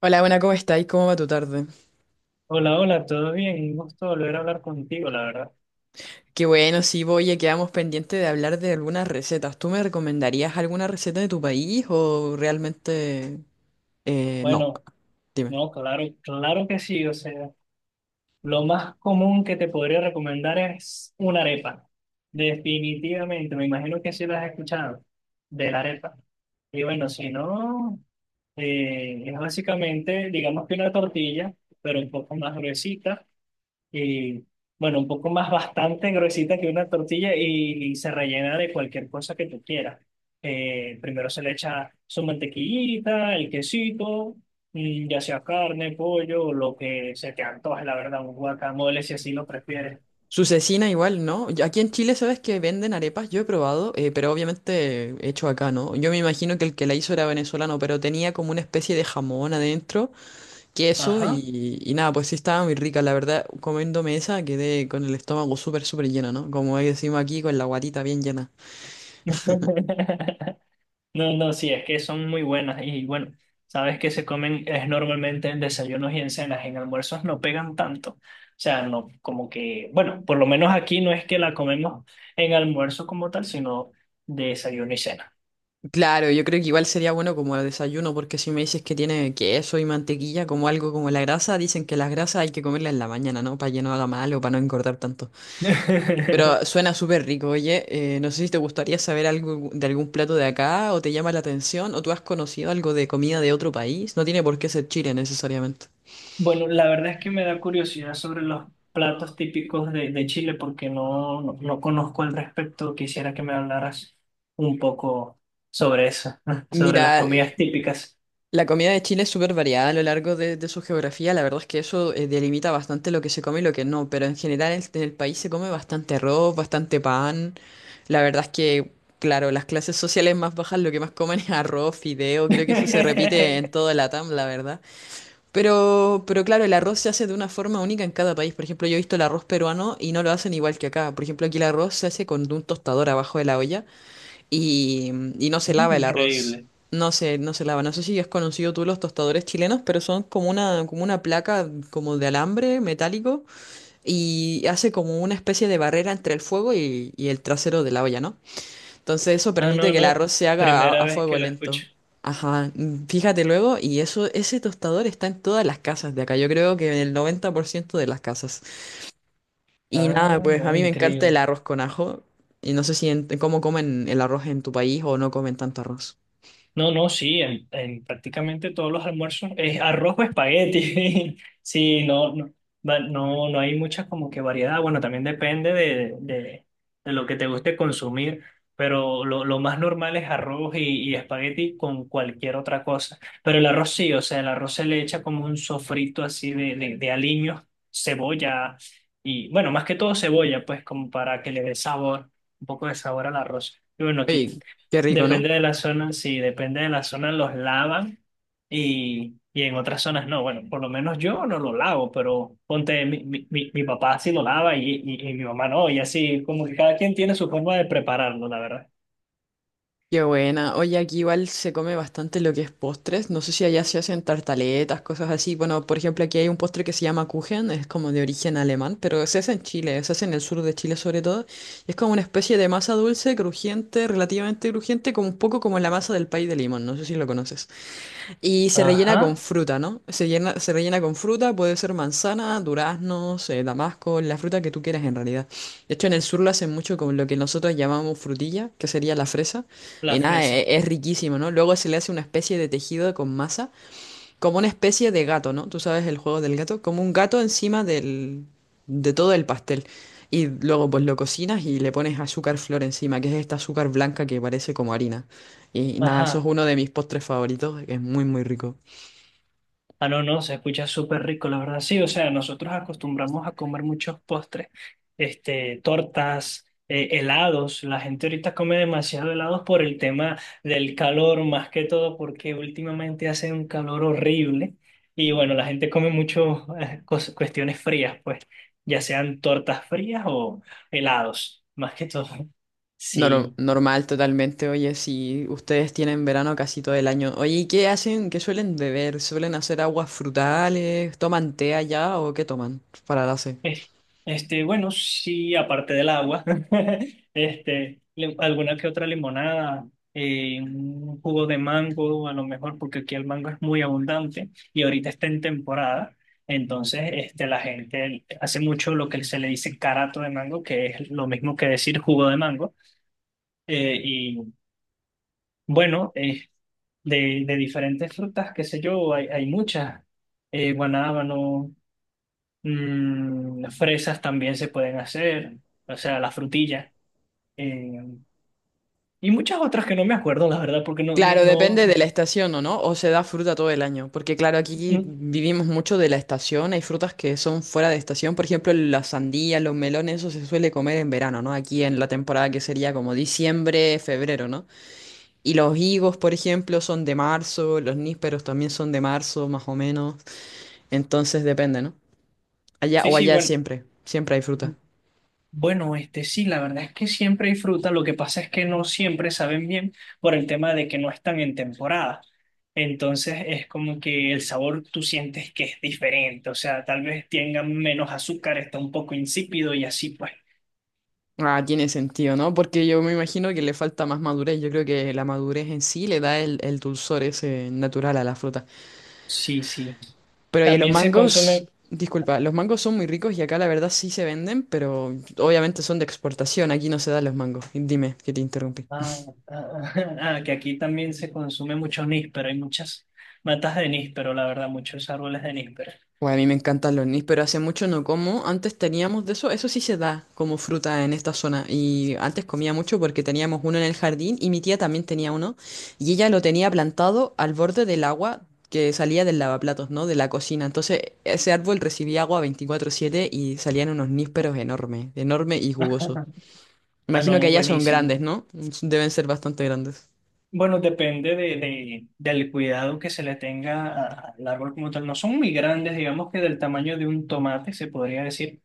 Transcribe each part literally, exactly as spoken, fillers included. Hola, buena, ¿cómo estáis? ¿Cómo va tu tarde? Hola, hola, ¿todo bien? Un gusto volver a hablar contigo, la verdad. Qué bueno, sí, voy, ya quedamos pendientes de hablar de algunas recetas. ¿Tú me recomendarías alguna receta de tu país o realmente eh, no? Bueno, Dime. no, claro, claro que sí, o sea, lo más común que te podría recomendar es una arepa. Definitivamente, me imagino que sí lo has escuchado, de la arepa. Y bueno, si no, eh, es básicamente, digamos que una tortilla, pero un poco más gruesita. Y bueno, un poco más bastante gruesita que una tortilla y, y se rellena de cualquier cosa que tú quieras. Eh, primero se le echa su mantequillita, el quesito, mm, ya sea carne, pollo, o lo que se te antoje, la verdad, un guacamole si así lo prefieres. Su cecina igual, ¿no? Yo- Aquí en Chile, ¿sabes que venden arepas? Yo he probado, eh, pero obviamente hecho acá, ¿no? Yo me imagino que el que la hizo era venezolano, pero tenía como una especie de jamón adentro, queso Ajá. y, y nada, pues sí estaba muy rica. La verdad, comiéndome esa quedé con el estómago súper, súper lleno, ¿no? Como decimos aquí, con la guatita bien llena. No, no, sí, es que son muy buenas y bueno, sabes que se comen es normalmente en desayunos y en cenas, en almuerzos no pegan tanto. O sea, no, como que, bueno, por lo menos aquí no es que la comemos en almuerzo como tal, sino de desayuno y cena. Claro, yo creo que igual sería bueno como desayuno, porque si me dices que tiene queso y mantequilla como algo como la grasa, dicen que las grasas hay que comerlas en la mañana, ¿no? Para que no haga mal o para no engordar tanto. Pero suena súper rico, oye, eh, no sé si te gustaría saber algo de algún plato de acá o te llama la atención o tú has conocido algo de comida de otro país, no tiene por qué ser Chile necesariamente. Bueno, la verdad es que me da curiosidad sobre los platos típicos de, de Chile porque no, no, no conozco al respecto. Quisiera que me hablaras un poco sobre eso, sobre las Mira, comidas típicas. la comida de Chile es súper variada a lo largo de, de su geografía. La verdad es que eso eh, delimita bastante lo que se come y lo que no. Pero en general en en el país se come bastante arroz, bastante pan. La verdad es que, claro, las clases sociales más bajas lo que más comen es arroz, fideo. Creo que eso se repite en toda la Latam, la verdad. Pero, pero claro, el arroz se hace de una forma única en cada país. Por ejemplo, yo he visto el arroz peruano y no lo hacen igual que acá. Por ejemplo, aquí el arroz se hace con un tostador abajo de la olla y, y no se lava el arroz. Increíble. No se, no se lava. No sé si has conocido tú los tostadores chilenos, pero son como una, como una placa como de alambre metálico y hace como una especie de barrera entre el fuego y, y el trasero de la olla, ¿no? Entonces eso Ah, permite no, que el no. arroz se haga a, Primera a vez que fuego lo lento. escucho. Ajá, mm, fíjate luego, y eso, ese tostador está en todas las casas de acá. Yo creo que en el noventa por ciento de las casas. Y Ah, nada, pues a no, mí me encanta el increíble. arroz con ajo. Y no sé si en- cómo comen el arroz en tu país o no comen tanto arroz. No, no, sí, en, en prácticamente todos los almuerzos es arroz o espagueti. Sí, no, no, va- no, no hay mucha como que variedad. Bueno, también depende de, de, de lo que te guste consumir, pero lo, lo más normal es arroz y, y espagueti con cualquier otra cosa. Pero el arroz sí, o sea, el arroz se le echa como un sofrito así de, de, de aliños, cebolla y, bueno, más que todo cebolla, pues como para que le dé sabor, un poco de sabor al arroz. Y bueno, aquí Oye, qué rico, depende ¿no? de la zona, sí, depende de la zona los lavan y, y en otras zonas no. Bueno, por lo menos yo no lo lavo, pero ponte, mi, mi, mi- mi papá sí lo lava y, y, y mi mamá no, y así como que cada quien tiene su forma de prepararlo, la verdad. Qué buena. Oye, aquí igual se come bastante lo que es postres. No sé si allá se hacen tartaletas, cosas así. Bueno, por ejemplo, aquí hay un postre que se llama Kuchen, es como de origen alemán, pero se hace en Chile, se hace en el sur de Chile sobre todo. Y es como una especie de masa dulce, crujiente, relativamente crujiente, como un poco como la masa del pay de limón. No sé si lo conoces. Y se rellena con Ajá, fruta, ¿no? Se llena- se rellena con fruta, puede ser manzana, duraznos, eh, damasco, la fruta que tú quieras en realidad. De hecho, en el sur lo hacen mucho con lo que nosotros llamamos frutilla, que sería la fresa. Y la nada, fresa. e- es, riquísimo, ¿no? Luego se le hace una especie de tejido con masa como una especie de gato, ¿no? Tú sabes el juego del gato, como un gato encima del, de todo el pastel. Y luego pues lo cocinas y le pones azúcar flor encima, que es esta azúcar blanca que parece como harina. Y nada, eso es Ajá. uno de mis postres favoritos, que es muy muy rico. Ah, no, no, se escucha súper rico, la verdad. Sí, o sea, nosotros acostumbramos a comer muchos postres, este, tortas, eh, helados. La gente ahorita come demasiado helados por el tema del calor, más que todo porque últimamente hace un calor horrible. Y bueno, la gente come mucho, eh, cos- cuestiones frías, pues, ya sean tortas frías o helados, más que todo. Nor- Sí. normal totalmente, oye, si ustedes tienen verano casi todo el año. Oye, ¿y qué hacen? ¿Qué suelen beber? ¿Suelen hacer aguas frutales? ¿Toman té allá o qué toman para la sed? Es- Este, bueno, sí, aparte del agua, este, le- alguna que otra limonada, eh, un jugo de mango, a lo mejor, porque aquí el mango es muy abundante y ahorita está en temporada. Entonces, este, la gente hace mucho lo que se le dice carato de mango, que es lo mismo que decir jugo de mango. Eh, y bueno, eh, de, de diferentes frutas, qué sé yo, hay, hay muchas. Eh, guanábano, mm, las fresas también se pueden hacer, o sea, la frutilla. eh, y muchas otras que no me acuerdo, la verdad, porque no, no, Claro, depende de no- la estación o no, o se da fruta todo el año, porque claro, aquí mm, vivimos mucho de la estación, hay frutas que son fuera de estación, por ejemplo, las sandías, los melones, eso se suele comer en verano, ¿no? Aquí en la temporada que sería como diciembre, febrero, ¿no? Y los higos, por ejemplo, son de marzo, los nísperos también son de marzo, más o menos, entonces depende, ¿no? Allá sí, o sí, allá bueno, siempre, siempre hay fruta. bueno, este sí, la verdad es que siempre hay fruta, lo que pasa es que no siempre saben bien por el tema de que no están en temporada. Entonces es como que el sabor tú sientes que es diferente, o sea, tal vez tengan menos azúcar, está un poco insípido y así pues. Ah, tiene sentido, ¿no? Porque yo me imagino que le falta más madurez. Yo creo que la madurez en sí le da el, el dulzor ese natural a la fruta. Sí, sí. Pero oye, los También se mangos, consumen. disculpa, los mangos son muy ricos y acá la verdad sí se venden, pero obviamente son de exportación, aquí no se dan los mangos. Dime, que te interrumpí. Ah, ah, ah, ah, que aquí también se consume mucho níspero, hay muchas matas de níspero, la verdad, muchos árboles de níspero. Bueno, a mí me encantan los nis, pero hace mucho no como. Antes teníamos de eso, eso sí se da como fruta en esta zona. Y antes comía mucho porque teníamos uno en el jardín y mi tía también tenía uno. Y ella lo tenía plantado al borde del agua que salía del lavaplatos, ¿no? De la cocina. Entonces ese árbol recibía agua veinticuatro siete y salían unos nísperos enormes, enormes y jugosos. Ah, Imagino que no, allá son buenísimo. grandes, ¿no? Deben ser bastante grandes. Bueno, depende de, de- del cuidado que se le tenga a- al árbol como tal. No son muy grandes, digamos que del tamaño de un tomate, se podría decir,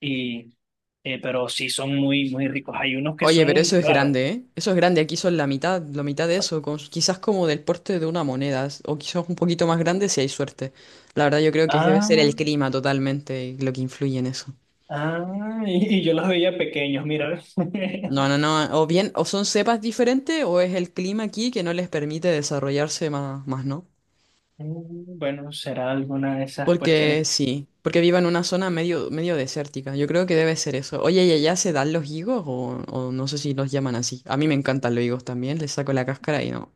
y, eh, pero sí son muy, muy ricos. Hay unos que Oye, pero son, eso es claro. grande, ¿eh? Eso es grande. Aquí son la mitad, la mitad de eso, con- quizás como del porte de una moneda, s- o quizás un poquito más grande si hay suerte. La verdad, yo creo que debe ser Ah, el clima totalmente lo que influye en eso. ah, y, y yo los veía pequeños, mira. No, no, no. O bien, o son cepas diferentes, o es el clima aquí que no les permite desarrollarse más, más, ¿no? Mm, bueno, será alguna de esas Porque cuestiones. sí, porque vivo en una zona medio, medio desértica. Yo creo que debe ser eso. Oye, ¿y allá se dan los higos o, o no sé si los llaman así? A mí me encantan los higos también, les saco la cáscara y no.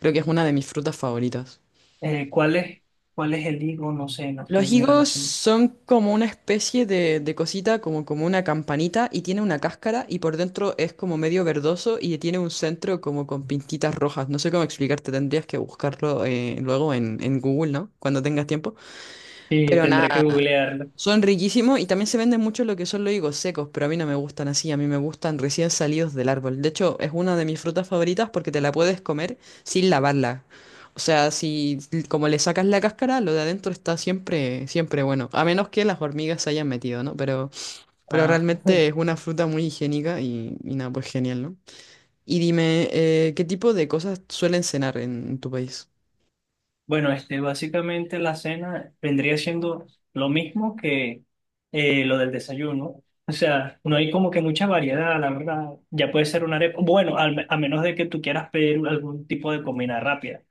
Creo que es una de mis frutas favoritas. Eh, ¿cuál es, cuál es el higo? No sé, no estoy Los muy higos relacionado. son como una especie de, de cosita, como, como una campanita, y tiene una cáscara, y por dentro es como medio verdoso y tiene un centro como con pintitas rojas. No sé cómo explicarte, tendrías que buscarlo eh, luego en, en Google, ¿no? Cuando tengas tiempo. Sí, Pero tendré que nada, googlearlo. son riquísimos y también se venden mucho lo que son los higos secos, pero a mí no me gustan así, a mí me gustan recién salidos del árbol. De hecho, es una de mis frutas favoritas porque te la puedes comer sin lavarla. O sea, si como le sacas la cáscara, lo de adentro está siempre, siempre bueno. A menos que las hormigas se hayan metido, ¿no? Pero, pero Ah, realmente es una fruta muy higiénica y, y nada, pues genial, ¿no? Y dime, eh, ¿qué tipo de cosas suelen cenar en tu país? bueno, este, básicamente la cena vendría siendo lo mismo que eh, lo del desayuno. O sea, no hay como que mucha variedad, la verdad. Ya puede ser una arepa. Bueno, al me- a menos de que tú quieras pedir algún tipo de comida rápida.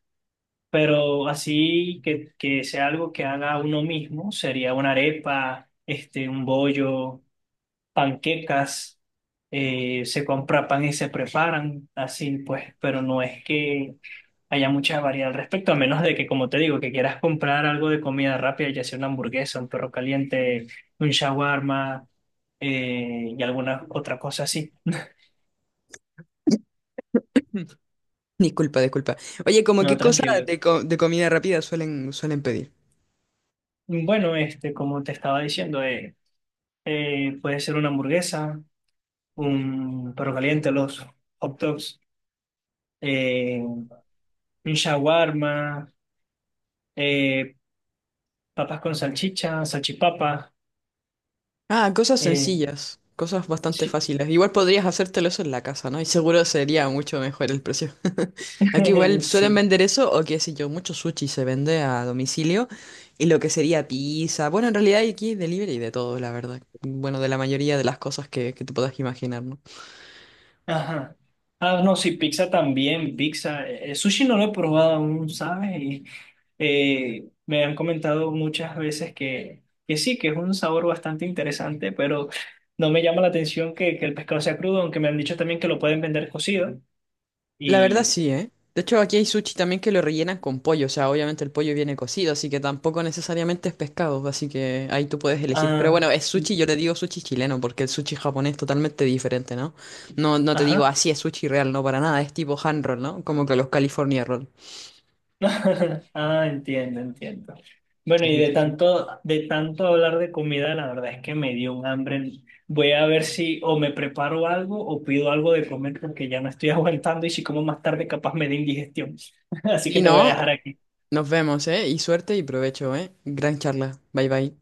Pero así que, que sea algo que haga uno mismo, sería una arepa, este, un bollo. Panquecas, eh, se compra pan y se preparan así, pues, pero no es que haya mucha variedad al respecto, a menos de que, como te digo, que quieras comprar algo de comida rápida, ya sea una hamburguesa, un perro caliente, un shawarma, eh, y alguna otra cosa así. Disculpa, disculpa. Oye, ¿como No, qué cosas tranquilo. de, co- de comida rápida suelen, suelen pedir? Bueno, este, como te estaba diciendo, eh, eh, puede ser una hamburguesa, un perro caliente, los hot dogs, eh, un shawarma, eh, papas con salchicha, salchipapa. Ah, cosas eh, sencillas, cosas bastante sí. fáciles. Igual podrías hacértelo eso en la casa, ¿no? Y seguro sería mucho mejor el precio. Aquí igual suelen Sí. vender eso, o qué sé yo, mucho sushi se vende a domicilio. Y lo que sería pizza. Bueno, en realidad hay aquí delivery de todo, la verdad. Bueno, de la mayoría de las cosas que, que te puedas imaginar, ¿no? Ajá. Ah, no, sí, pizza también, pizza. Eh, sushi no lo he probado aún, ¿sabes? Y, eh, me han comentado muchas veces que, que sí, que es un sabor bastante interesante, pero no me llama la atención que, que el pescado sea crudo, aunque me han dicho también que lo pueden vender cocido. La verdad Y, sí, ¿eh? De hecho, aquí hay sushi también que lo rellenan con pollo, o sea, obviamente el pollo viene cocido, así que tampoco necesariamente es pescado, así que ahí tú puedes elegir. Pero ah, bueno, es sushi, yo le digo sushi chileno, porque el sushi japonés es totalmente diferente, ¿no? No, no te digo ajá. así es sushi real, no para nada, es tipo hand roll, ¿no? Como que los California roll. Ah, entiendo, entiendo. Bueno, Sí, y sí, de sí, sí. tanto, de tanto hablar de comida, la verdad es que me dio un hambre. Voy a ver si o me preparo algo o pido algo de comer porque ya no estoy aguantando y si como más tarde capaz me da indigestión. Así que Y te voy a dejar no, aquí. nos vemos, ¿eh? Y suerte y provecho, ¿eh? Gran charla. Bye bye.